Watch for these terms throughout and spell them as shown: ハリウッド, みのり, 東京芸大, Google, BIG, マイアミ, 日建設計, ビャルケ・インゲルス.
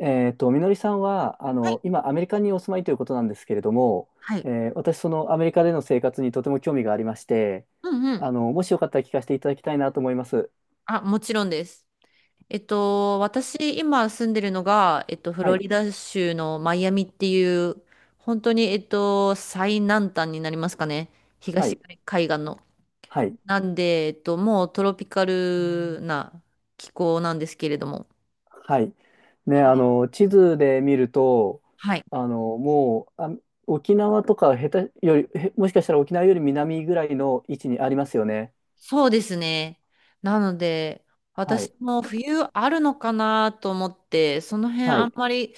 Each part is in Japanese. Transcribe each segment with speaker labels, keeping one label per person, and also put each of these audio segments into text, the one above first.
Speaker 1: みのりさんは、
Speaker 2: はい。
Speaker 1: 今、アメリカにお住まいということなんですけれども、
Speaker 2: はい。
Speaker 1: 私、そのアメリカでの生活にとても興味がありまして、
Speaker 2: うんうん。
Speaker 1: もしよかったら聞かせていただきたいなと思います。
Speaker 2: あ、もちろんです。私、今住んでるのが、フ
Speaker 1: は
Speaker 2: ロ
Speaker 1: い、
Speaker 2: リダ州のマイアミっていう、本当に、最南端になりますかね。
Speaker 1: は
Speaker 2: 東
Speaker 1: い、
Speaker 2: 海岸の。
Speaker 1: はい、
Speaker 2: なんで、もうトロピカルな気候なんですけれども。
Speaker 1: はい。ね、
Speaker 2: はい。
Speaker 1: 地図で見ると、
Speaker 2: はい。
Speaker 1: あ、沖縄とか下手より、もしかしたら沖縄より南ぐらいの位置にありますよね。
Speaker 2: そうですね。なので、
Speaker 1: は
Speaker 2: 私
Speaker 1: い、
Speaker 2: も冬あるのかなと思って、その辺
Speaker 1: は
Speaker 2: あ
Speaker 1: い、
Speaker 2: んまり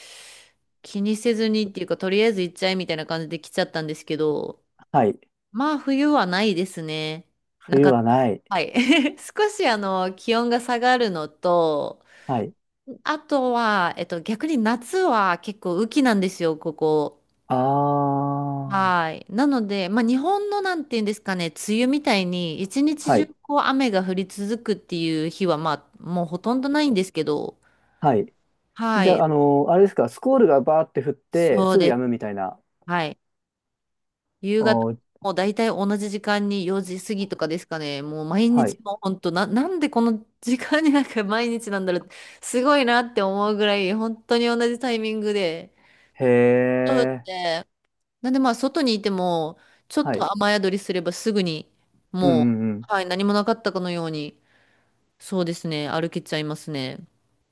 Speaker 2: 気にせずにっていうか、とりあえず行っちゃえみたいな感じで来ちゃったんですけど、
Speaker 1: はい。
Speaker 2: まあ冬はないですね。な
Speaker 1: 冬
Speaker 2: かっ
Speaker 1: はない。
Speaker 2: た。はい。少しあの気温が下がるのと、
Speaker 1: はい。
Speaker 2: あとは、逆に夏は結構雨季なんですよ、ここ。
Speaker 1: ああ、
Speaker 2: はい。なので、まあ、日本のなんていうんですかね、梅雨みたいに一日
Speaker 1: は
Speaker 2: 中
Speaker 1: い、
Speaker 2: こう雨が降り続くっていう日は、まあ、もうほとんどないんですけど、
Speaker 1: はい。
Speaker 2: は
Speaker 1: じゃ
Speaker 2: い。
Speaker 1: あ、あれですか？スコールがバーって降って、
Speaker 2: そう
Speaker 1: すぐ
Speaker 2: です。
Speaker 1: 止むみたいな。
Speaker 2: はい。夕方、
Speaker 1: おー、
Speaker 2: もう大体同じ時間に4時過ぎとかですかね、もう毎
Speaker 1: は
Speaker 2: 日
Speaker 1: い。
Speaker 2: もう本当な、なんでこの時間になんか 毎日なんだろう、すごいなって思うぐらい、本当に同じタイミングで、
Speaker 1: へ
Speaker 2: そうです
Speaker 1: え、
Speaker 2: ね。なんでまあ、外にいても、ちょっ
Speaker 1: は
Speaker 2: と
Speaker 1: い。
Speaker 2: 雨宿りすればすぐに、
Speaker 1: うん
Speaker 2: も
Speaker 1: うんう
Speaker 2: う、
Speaker 1: ん。
Speaker 2: はい、何もなかったかのように、そうですね、歩けちゃいますね。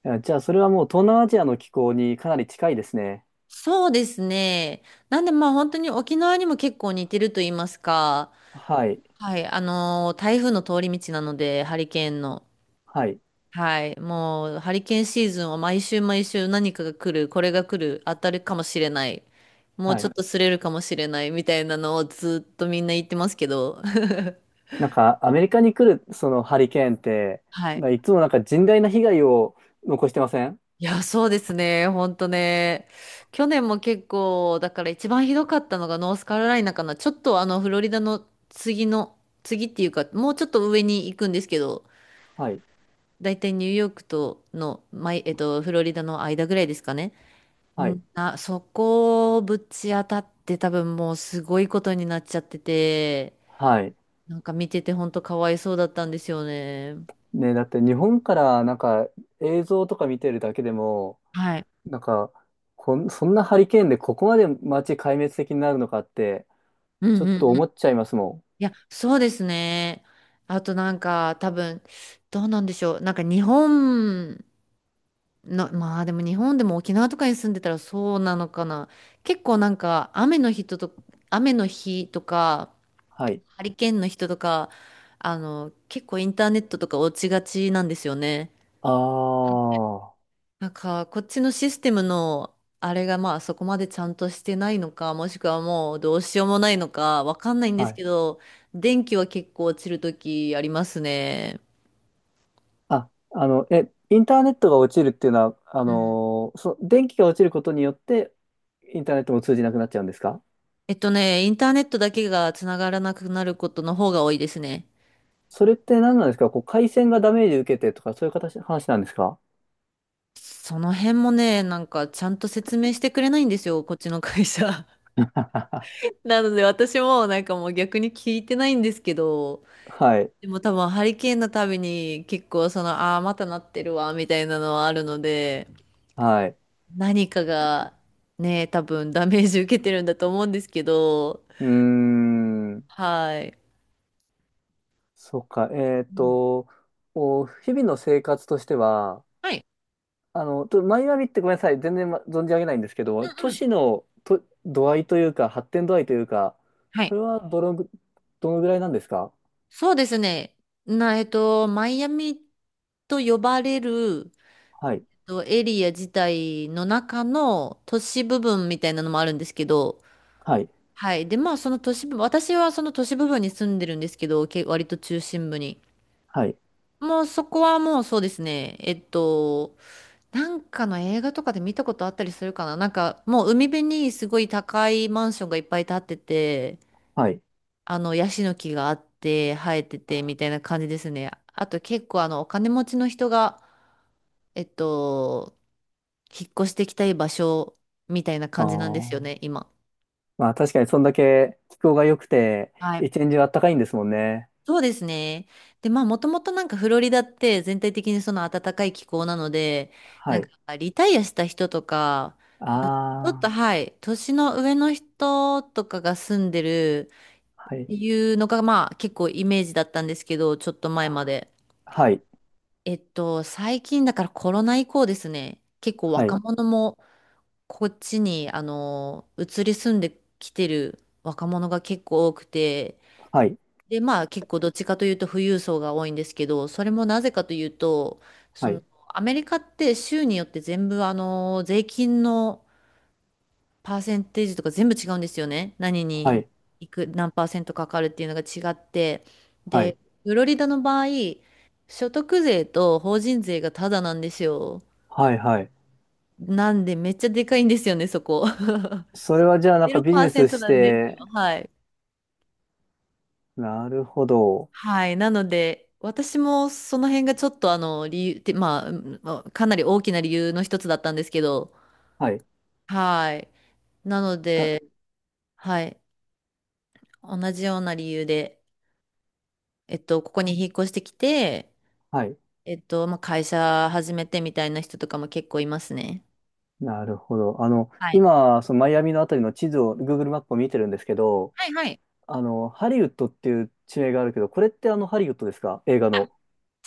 Speaker 1: いやじゃあ、それはもう東南アジアの気候にかなり近いですね。
Speaker 2: そうですね。なんでまあ、本当に沖縄にも結構似てると言いますか、
Speaker 1: はい。
Speaker 2: はい、台風の通り道なので、ハリケーンの。
Speaker 1: はい。
Speaker 2: はい、もう、ハリケーンシーズンは毎週毎週何かが来る、これが来る、当たるかもしれない、もう
Speaker 1: は
Speaker 2: ちょ
Speaker 1: い。
Speaker 2: っとすれるかもしれない、みたいなのをずっとみんな言ってますけど、
Speaker 1: なんか、アメリカに来る、そのハリケーンって、
Speaker 2: はい。
Speaker 1: まあ、いつもなんか甚大な被害を残してません？
Speaker 2: いや、そうですね。ほんとね。去年も結構、だから一番ひどかったのがノースカロライナかな。ちょっとあの、フロリダの次の、次っていうか、もうちょっと上に行くんですけど、
Speaker 1: はい。
Speaker 2: だいたいニューヨークとの、まい、えっと、フロリダの間ぐらいですかね。う
Speaker 1: はい。
Speaker 2: ん、あ、そこをぶち当たって多分もうすごいことになっちゃってて、
Speaker 1: はい。
Speaker 2: なんか見ててほんとかわいそうだったんですよね。
Speaker 1: ね、だって日本からなんか映像とか見てるだけでも、
Speaker 2: はい。
Speaker 1: なんか、そんなハリケーンでここまで街壊滅的になるのかって、
Speaker 2: う
Speaker 1: ちょ
Speaker 2: ん
Speaker 1: っ
Speaker 2: う
Speaker 1: と思
Speaker 2: ん。
Speaker 1: っちゃいますもん。
Speaker 2: いや、そうですね。あとなんか多分、どうなんでしょう。なんか日本の、まあでも日本でも沖縄とかに住んでたらそうなのかな。結構なんか雨の日とか、
Speaker 1: はい。
Speaker 2: ハリケーンの人とか、あの、結構インターネットとか落ちがちなんですよね。
Speaker 1: ああ、は
Speaker 2: なんか、こっちのシステムの、あれがまあそこまでちゃんとしてないのか、もしくはもうどうしようもないのか、わかんないんですけ
Speaker 1: い。
Speaker 2: ど、電気は結構落ちるときありますね。
Speaker 1: あ、インターネットが落ちるっていうのは、
Speaker 2: うん。
Speaker 1: 電気が落ちることによって、インターネットも通じなくなっちゃうんですか？
Speaker 2: インターネットだけがつながらなくなることの方が多いですね。
Speaker 1: それって何なんですか？こう、回線がダメージ受けてとか、そういう形、話なんですか？
Speaker 2: その辺もね、なんかちゃんと説明してくれないんですよ、こっちの会社。なので私もなんかもう逆に聞いてないんですけど、
Speaker 1: はい。
Speaker 2: でも多分ハリケーンのたびに結構その、ああー、またなってるわ、みたいなのはあるので、
Speaker 1: はい。
Speaker 2: 何かがね、多分ダメージ受けてるんだと思うんですけど、
Speaker 1: うーん。
Speaker 2: はい。
Speaker 1: そうか。
Speaker 2: うん。
Speaker 1: 日々の生活としては、
Speaker 2: はい。
Speaker 1: マイアミってごめんなさい、全然、存じ上げないんですけど、都市のと度合いというか、発展度合いというか、
Speaker 2: はい。
Speaker 1: それはどのぐらいなんですか？
Speaker 2: そうですね。な、えっと、マイアミと呼ばれる、
Speaker 1: はい、
Speaker 2: エリア自体の中の都市部分みたいなのもあるんですけど、
Speaker 1: はい、
Speaker 2: はい。で、まあ、その都市部、私はその都市部分に住んでるんですけど、割と中心部に。
Speaker 1: はい、
Speaker 2: もうそこはもうそうですね。なんかの映画とかで見たことあったりするかな。なんかもう海辺にすごい高いマンションがいっぱい建ってて、
Speaker 1: はい。
Speaker 2: あのヤシの木があって生えててみたいな感じですね。あと結構あのお金持ちの人が、えっと、引っ越してきたい場所みたいな
Speaker 1: あ
Speaker 2: 感じなんですよね、
Speaker 1: あ。
Speaker 2: 今。
Speaker 1: まあ確かにそんだけ気候が良くて、
Speaker 2: はい。
Speaker 1: 一年中あったかいんですもんね。
Speaker 2: そうですね。で、まあ、もともとなんかフロリダって全体的にその暖かい気候なので、な
Speaker 1: は
Speaker 2: んか
Speaker 1: い。
Speaker 2: リタイアした人とか、ちょっと
Speaker 1: あ
Speaker 2: はい、年の上の人とかが住んでる
Speaker 1: あ、は
Speaker 2: っ
Speaker 1: い。
Speaker 2: ていうのが、まあ結構イメージだったんですけど、ちょっと前
Speaker 1: あ
Speaker 2: まで。
Speaker 1: はい、
Speaker 2: 最近だからコロナ以降ですね、結構
Speaker 1: は
Speaker 2: 若
Speaker 1: い、
Speaker 2: 者もこっちに、移り住んできてる若者が結構多くて、
Speaker 1: はい、
Speaker 2: で、まあ結構どっちかというと富裕層が多いんですけど、それもなぜかというと、そ
Speaker 1: は
Speaker 2: の、
Speaker 1: い、
Speaker 2: アメリカって州によって全部あの、税金の、パーセンテージとか全部違うんですよね。何
Speaker 1: は
Speaker 2: に
Speaker 1: い、
Speaker 2: いく、何パーセントかかるっていうのが違って。
Speaker 1: はい、
Speaker 2: で、フロリダの場合、所得税と法人税がタダなんですよ。
Speaker 1: はい、はい。
Speaker 2: なんでめっちゃでかいんですよね、そこ。
Speaker 1: そ れはじゃあなんかビジネス
Speaker 2: 0%
Speaker 1: し
Speaker 2: なんです
Speaker 1: て、
Speaker 2: よ。はい。
Speaker 1: なるほど。
Speaker 2: はい。なので、私もその辺がちょっと理由って、まあ、うんまあかなり大きな理由の一つだったんですけど、
Speaker 1: はい。
Speaker 2: はい。なの
Speaker 1: あ、
Speaker 2: で、はい。同じような理由で、ここに引っ越してきて、
Speaker 1: はい。
Speaker 2: まあ、会社始めてみたいな人とかも結構いますね。
Speaker 1: なるほど。
Speaker 2: はい。
Speaker 1: 今、そのマイアミのあたりの地図を、Google マップを見てるんですけど、
Speaker 2: はいはい。
Speaker 1: ハリウッドっていう地名があるけど、これってあのハリウッドですか？映画の。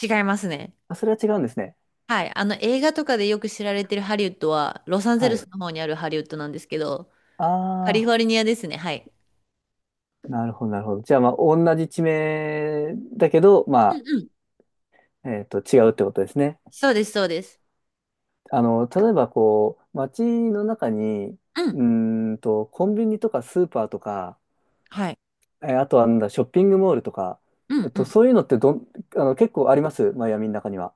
Speaker 2: 違いますね。
Speaker 1: あ、それは違うんですね。
Speaker 2: はい。映画とかでよく知られてるハリウッドは、ロサンゼ
Speaker 1: は
Speaker 2: ルス
Speaker 1: い。
Speaker 2: の方にあるハリウッドなんですけど、カリ
Speaker 1: あ
Speaker 2: フォルニアですね。はい。
Speaker 1: あ、なるほど、なるほど。じゃあ、まあ、同じ地名だけど、
Speaker 2: うん
Speaker 1: ま
Speaker 2: うん。
Speaker 1: あ、違うってことですね。
Speaker 2: そうです、そうです。
Speaker 1: 例えば、こう、街の中に、
Speaker 2: う
Speaker 1: う
Speaker 2: ん。
Speaker 1: ーコンビニとかスーパーとか、
Speaker 2: はい。
Speaker 1: あとはなんだ、ショッピングモールとか、
Speaker 2: うんうん。
Speaker 1: そういうのってどん、あの、結構ありますマイアミの中には？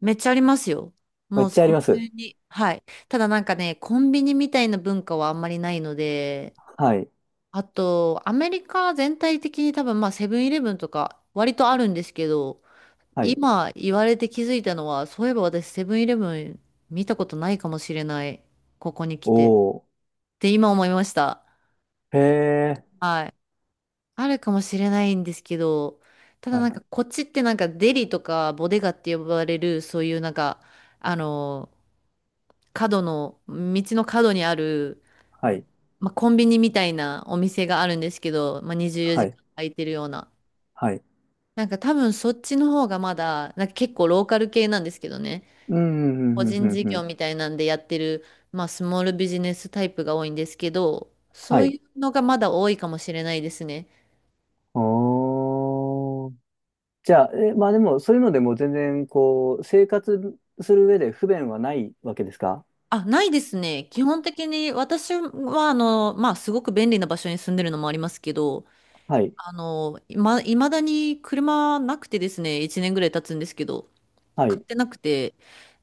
Speaker 2: めっちゃありますよ。
Speaker 1: め
Speaker 2: も
Speaker 1: っ
Speaker 2: う
Speaker 1: ちゃ
Speaker 2: そ
Speaker 1: あり
Speaker 2: の
Speaker 1: ます。
Speaker 2: 辺に。はい。ただなんかね、コンビニみたいな文化はあんまりないので、
Speaker 1: はい。
Speaker 2: あと、アメリカ全体的に多分まあセブンイレブンとか割とあるんですけど、
Speaker 1: はい。
Speaker 2: 今言われて気づいたのは、そういえば私セブンイレブン見たことないかもしれない。ここに来て。っ
Speaker 1: おー。
Speaker 2: て今思いました。
Speaker 1: へえ。
Speaker 2: はい。あるかもしれないんですけど、ただ
Speaker 1: は
Speaker 2: なん
Speaker 1: い。
Speaker 2: かこっちってなんかデリとかボデガって呼ばれる、そういうなんか、あの、道の角にある、
Speaker 1: はい。
Speaker 2: まあ、コンビニみたいなお店があるんですけど、まあ、24
Speaker 1: は
Speaker 2: 時
Speaker 1: い。
Speaker 2: 間空いてるような。
Speaker 1: はい。
Speaker 2: なんか多分そっちの方がまだ、なんか結構ローカル系なんですけどね。
Speaker 1: うん、う
Speaker 2: 個
Speaker 1: ん、うん、う
Speaker 2: 人
Speaker 1: ん、
Speaker 2: 事
Speaker 1: うん。う
Speaker 2: 業
Speaker 1: ん
Speaker 2: みたいなんでやってる、まあ、スモールビジネスタイプが多いんですけど、そ
Speaker 1: は
Speaker 2: う
Speaker 1: い。
Speaker 2: いうのがまだ多いかもしれないですね。
Speaker 1: おー。じゃあ、まあでも、そういうのでも全然、こう、生活する上で不便はないわけですか？
Speaker 2: あ、ないですね。基本的に私は、まあ、すごく便利な場所に住んでるのもありますけど、
Speaker 1: はい。
Speaker 2: いま、未だに車なくてですね、1年ぐらい経つんですけど、
Speaker 1: は
Speaker 2: 買
Speaker 1: い。
Speaker 2: ってなくて。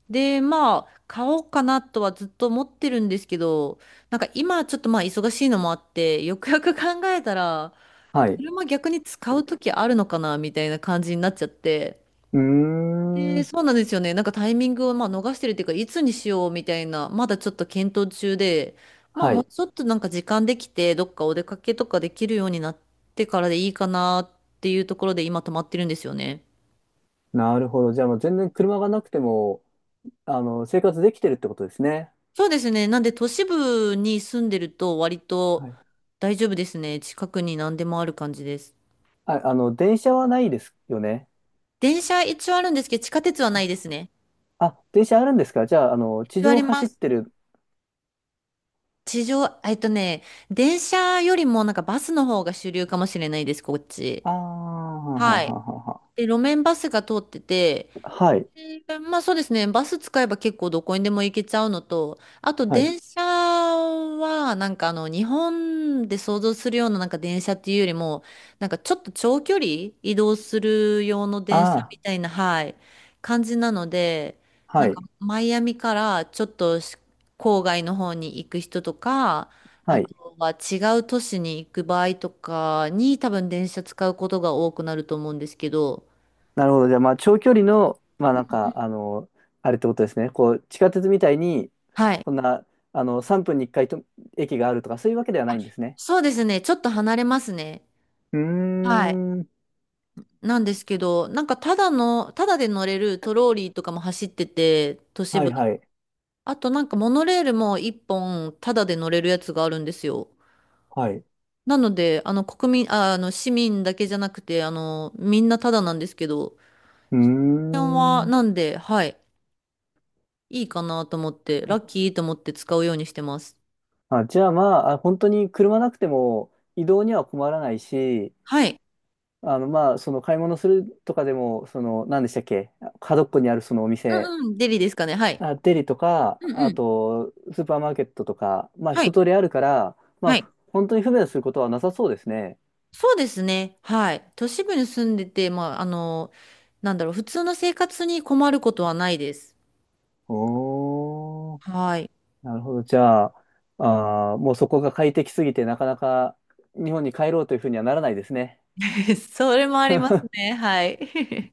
Speaker 2: で、まあ、買おうかなとはずっと思ってるんですけど、なんか今ちょっとまあ忙しいのもあって、よくよく考えたら、
Speaker 1: はい。う
Speaker 2: 車逆に使う時あるのかなみたいな感じになっちゃって。
Speaker 1: ー
Speaker 2: で、
Speaker 1: ん。
Speaker 2: そうなんですよね。なんかタイミングをまあ逃してるっていうか、いつにしようみたいな、まだちょっと検討中で、まあ
Speaker 1: は
Speaker 2: もう
Speaker 1: い。
Speaker 2: ちょっとなんか時間できて、どっかお出かけとかできるようになってからでいいかなっていうところで今止まってるんですよね。
Speaker 1: なるほど。じゃあ、もう全然車がなくても、生活できてるってことですね。
Speaker 2: そうですね。なんで都市部に住んでると割
Speaker 1: は
Speaker 2: と
Speaker 1: い。
Speaker 2: 大丈夫ですね。近くに何でもある感じです。
Speaker 1: あ、電車はないですよね。
Speaker 2: 電車一応あるんですけど、地下鉄はないですね。
Speaker 1: あ、電車あるんですか？じゃあ、地
Speaker 2: 一応あ
Speaker 1: 上を
Speaker 2: りま
Speaker 1: 走っ
Speaker 2: す。
Speaker 1: てる。
Speaker 2: 地上、電車よりもなんかバスの方が主流かもしれないです、こっち。
Speaker 1: ああ、はは
Speaker 2: はい。
Speaker 1: はは
Speaker 2: で、路面バスが通ってて、
Speaker 1: はい。
Speaker 2: で、まあ、そうですね。バス使えば結構どこにでも行けちゃうのと、あと
Speaker 1: は。い。
Speaker 2: 電車はなんか日本で想像するようななんか電車っていうよりも、なんかちょっと長距離移動する用の
Speaker 1: あ
Speaker 2: 電車
Speaker 1: あ、
Speaker 2: みたいな、はい、感じなので、な
Speaker 1: は
Speaker 2: んか
Speaker 1: い。
Speaker 2: マイアミからちょっと郊外の方に行く人とか、
Speaker 1: は
Speaker 2: あ
Speaker 1: い。
Speaker 2: とは違う都市に行く場合とかに多分電車使うことが多くなると思うんですけど、
Speaker 1: なるほど。じゃあ、まあ、長距離の、まあ、なんか、あれってことですね。こう、地下鉄みたいに、
Speaker 2: はい。
Speaker 1: こんな、3分に1回と駅があるとか、そういうわけではないんですね。
Speaker 2: そうですね。ちょっと離れますね。
Speaker 1: うー
Speaker 2: はい。
Speaker 1: ん。
Speaker 2: なんですけど、なんかただで乗れるトローリーとかも走ってて、都市
Speaker 1: はい
Speaker 2: 部。
Speaker 1: はい。
Speaker 2: あとなんかモノレールも一本ただで乗れるやつがあるんですよ。
Speaker 1: はい。
Speaker 2: なので、あの国民、あ、あの市民だけじゃなくて、みんなただなんですけど、こ
Speaker 1: うー
Speaker 2: の辺は
Speaker 1: ん。
Speaker 2: なんで、はい、いいかなと思って、ラッキーと思って使うようにしてます。
Speaker 1: あ、じゃあ、まあ、本当に車なくても移動には困らないし、
Speaker 2: はい。
Speaker 1: まあ、その買い物するとかでも、その、何でしたっけ、角っこにあるそのお
Speaker 2: う
Speaker 1: 店、
Speaker 2: んうん、デリですかね、はい。
Speaker 1: あ、デリとか、
Speaker 2: うんう
Speaker 1: あ
Speaker 2: ん、
Speaker 1: と、スーパーマーケットとか、まあ、
Speaker 2: は
Speaker 1: 一
Speaker 2: い、
Speaker 1: 通りあるから、まあ、
Speaker 2: はい。
Speaker 1: 本当に不便することはなさそうですね。
Speaker 2: そうですね。はい。都市部に住んでて、まあ、なんだろう、普通の生活に困ることはないです。
Speaker 1: おー、
Speaker 2: はい。
Speaker 1: なるほど。じゃあ、もうそこが快適すぎて、なかなか日本に帰ろうというふうにはならないですね。
Speaker 2: それもあります ね。はい。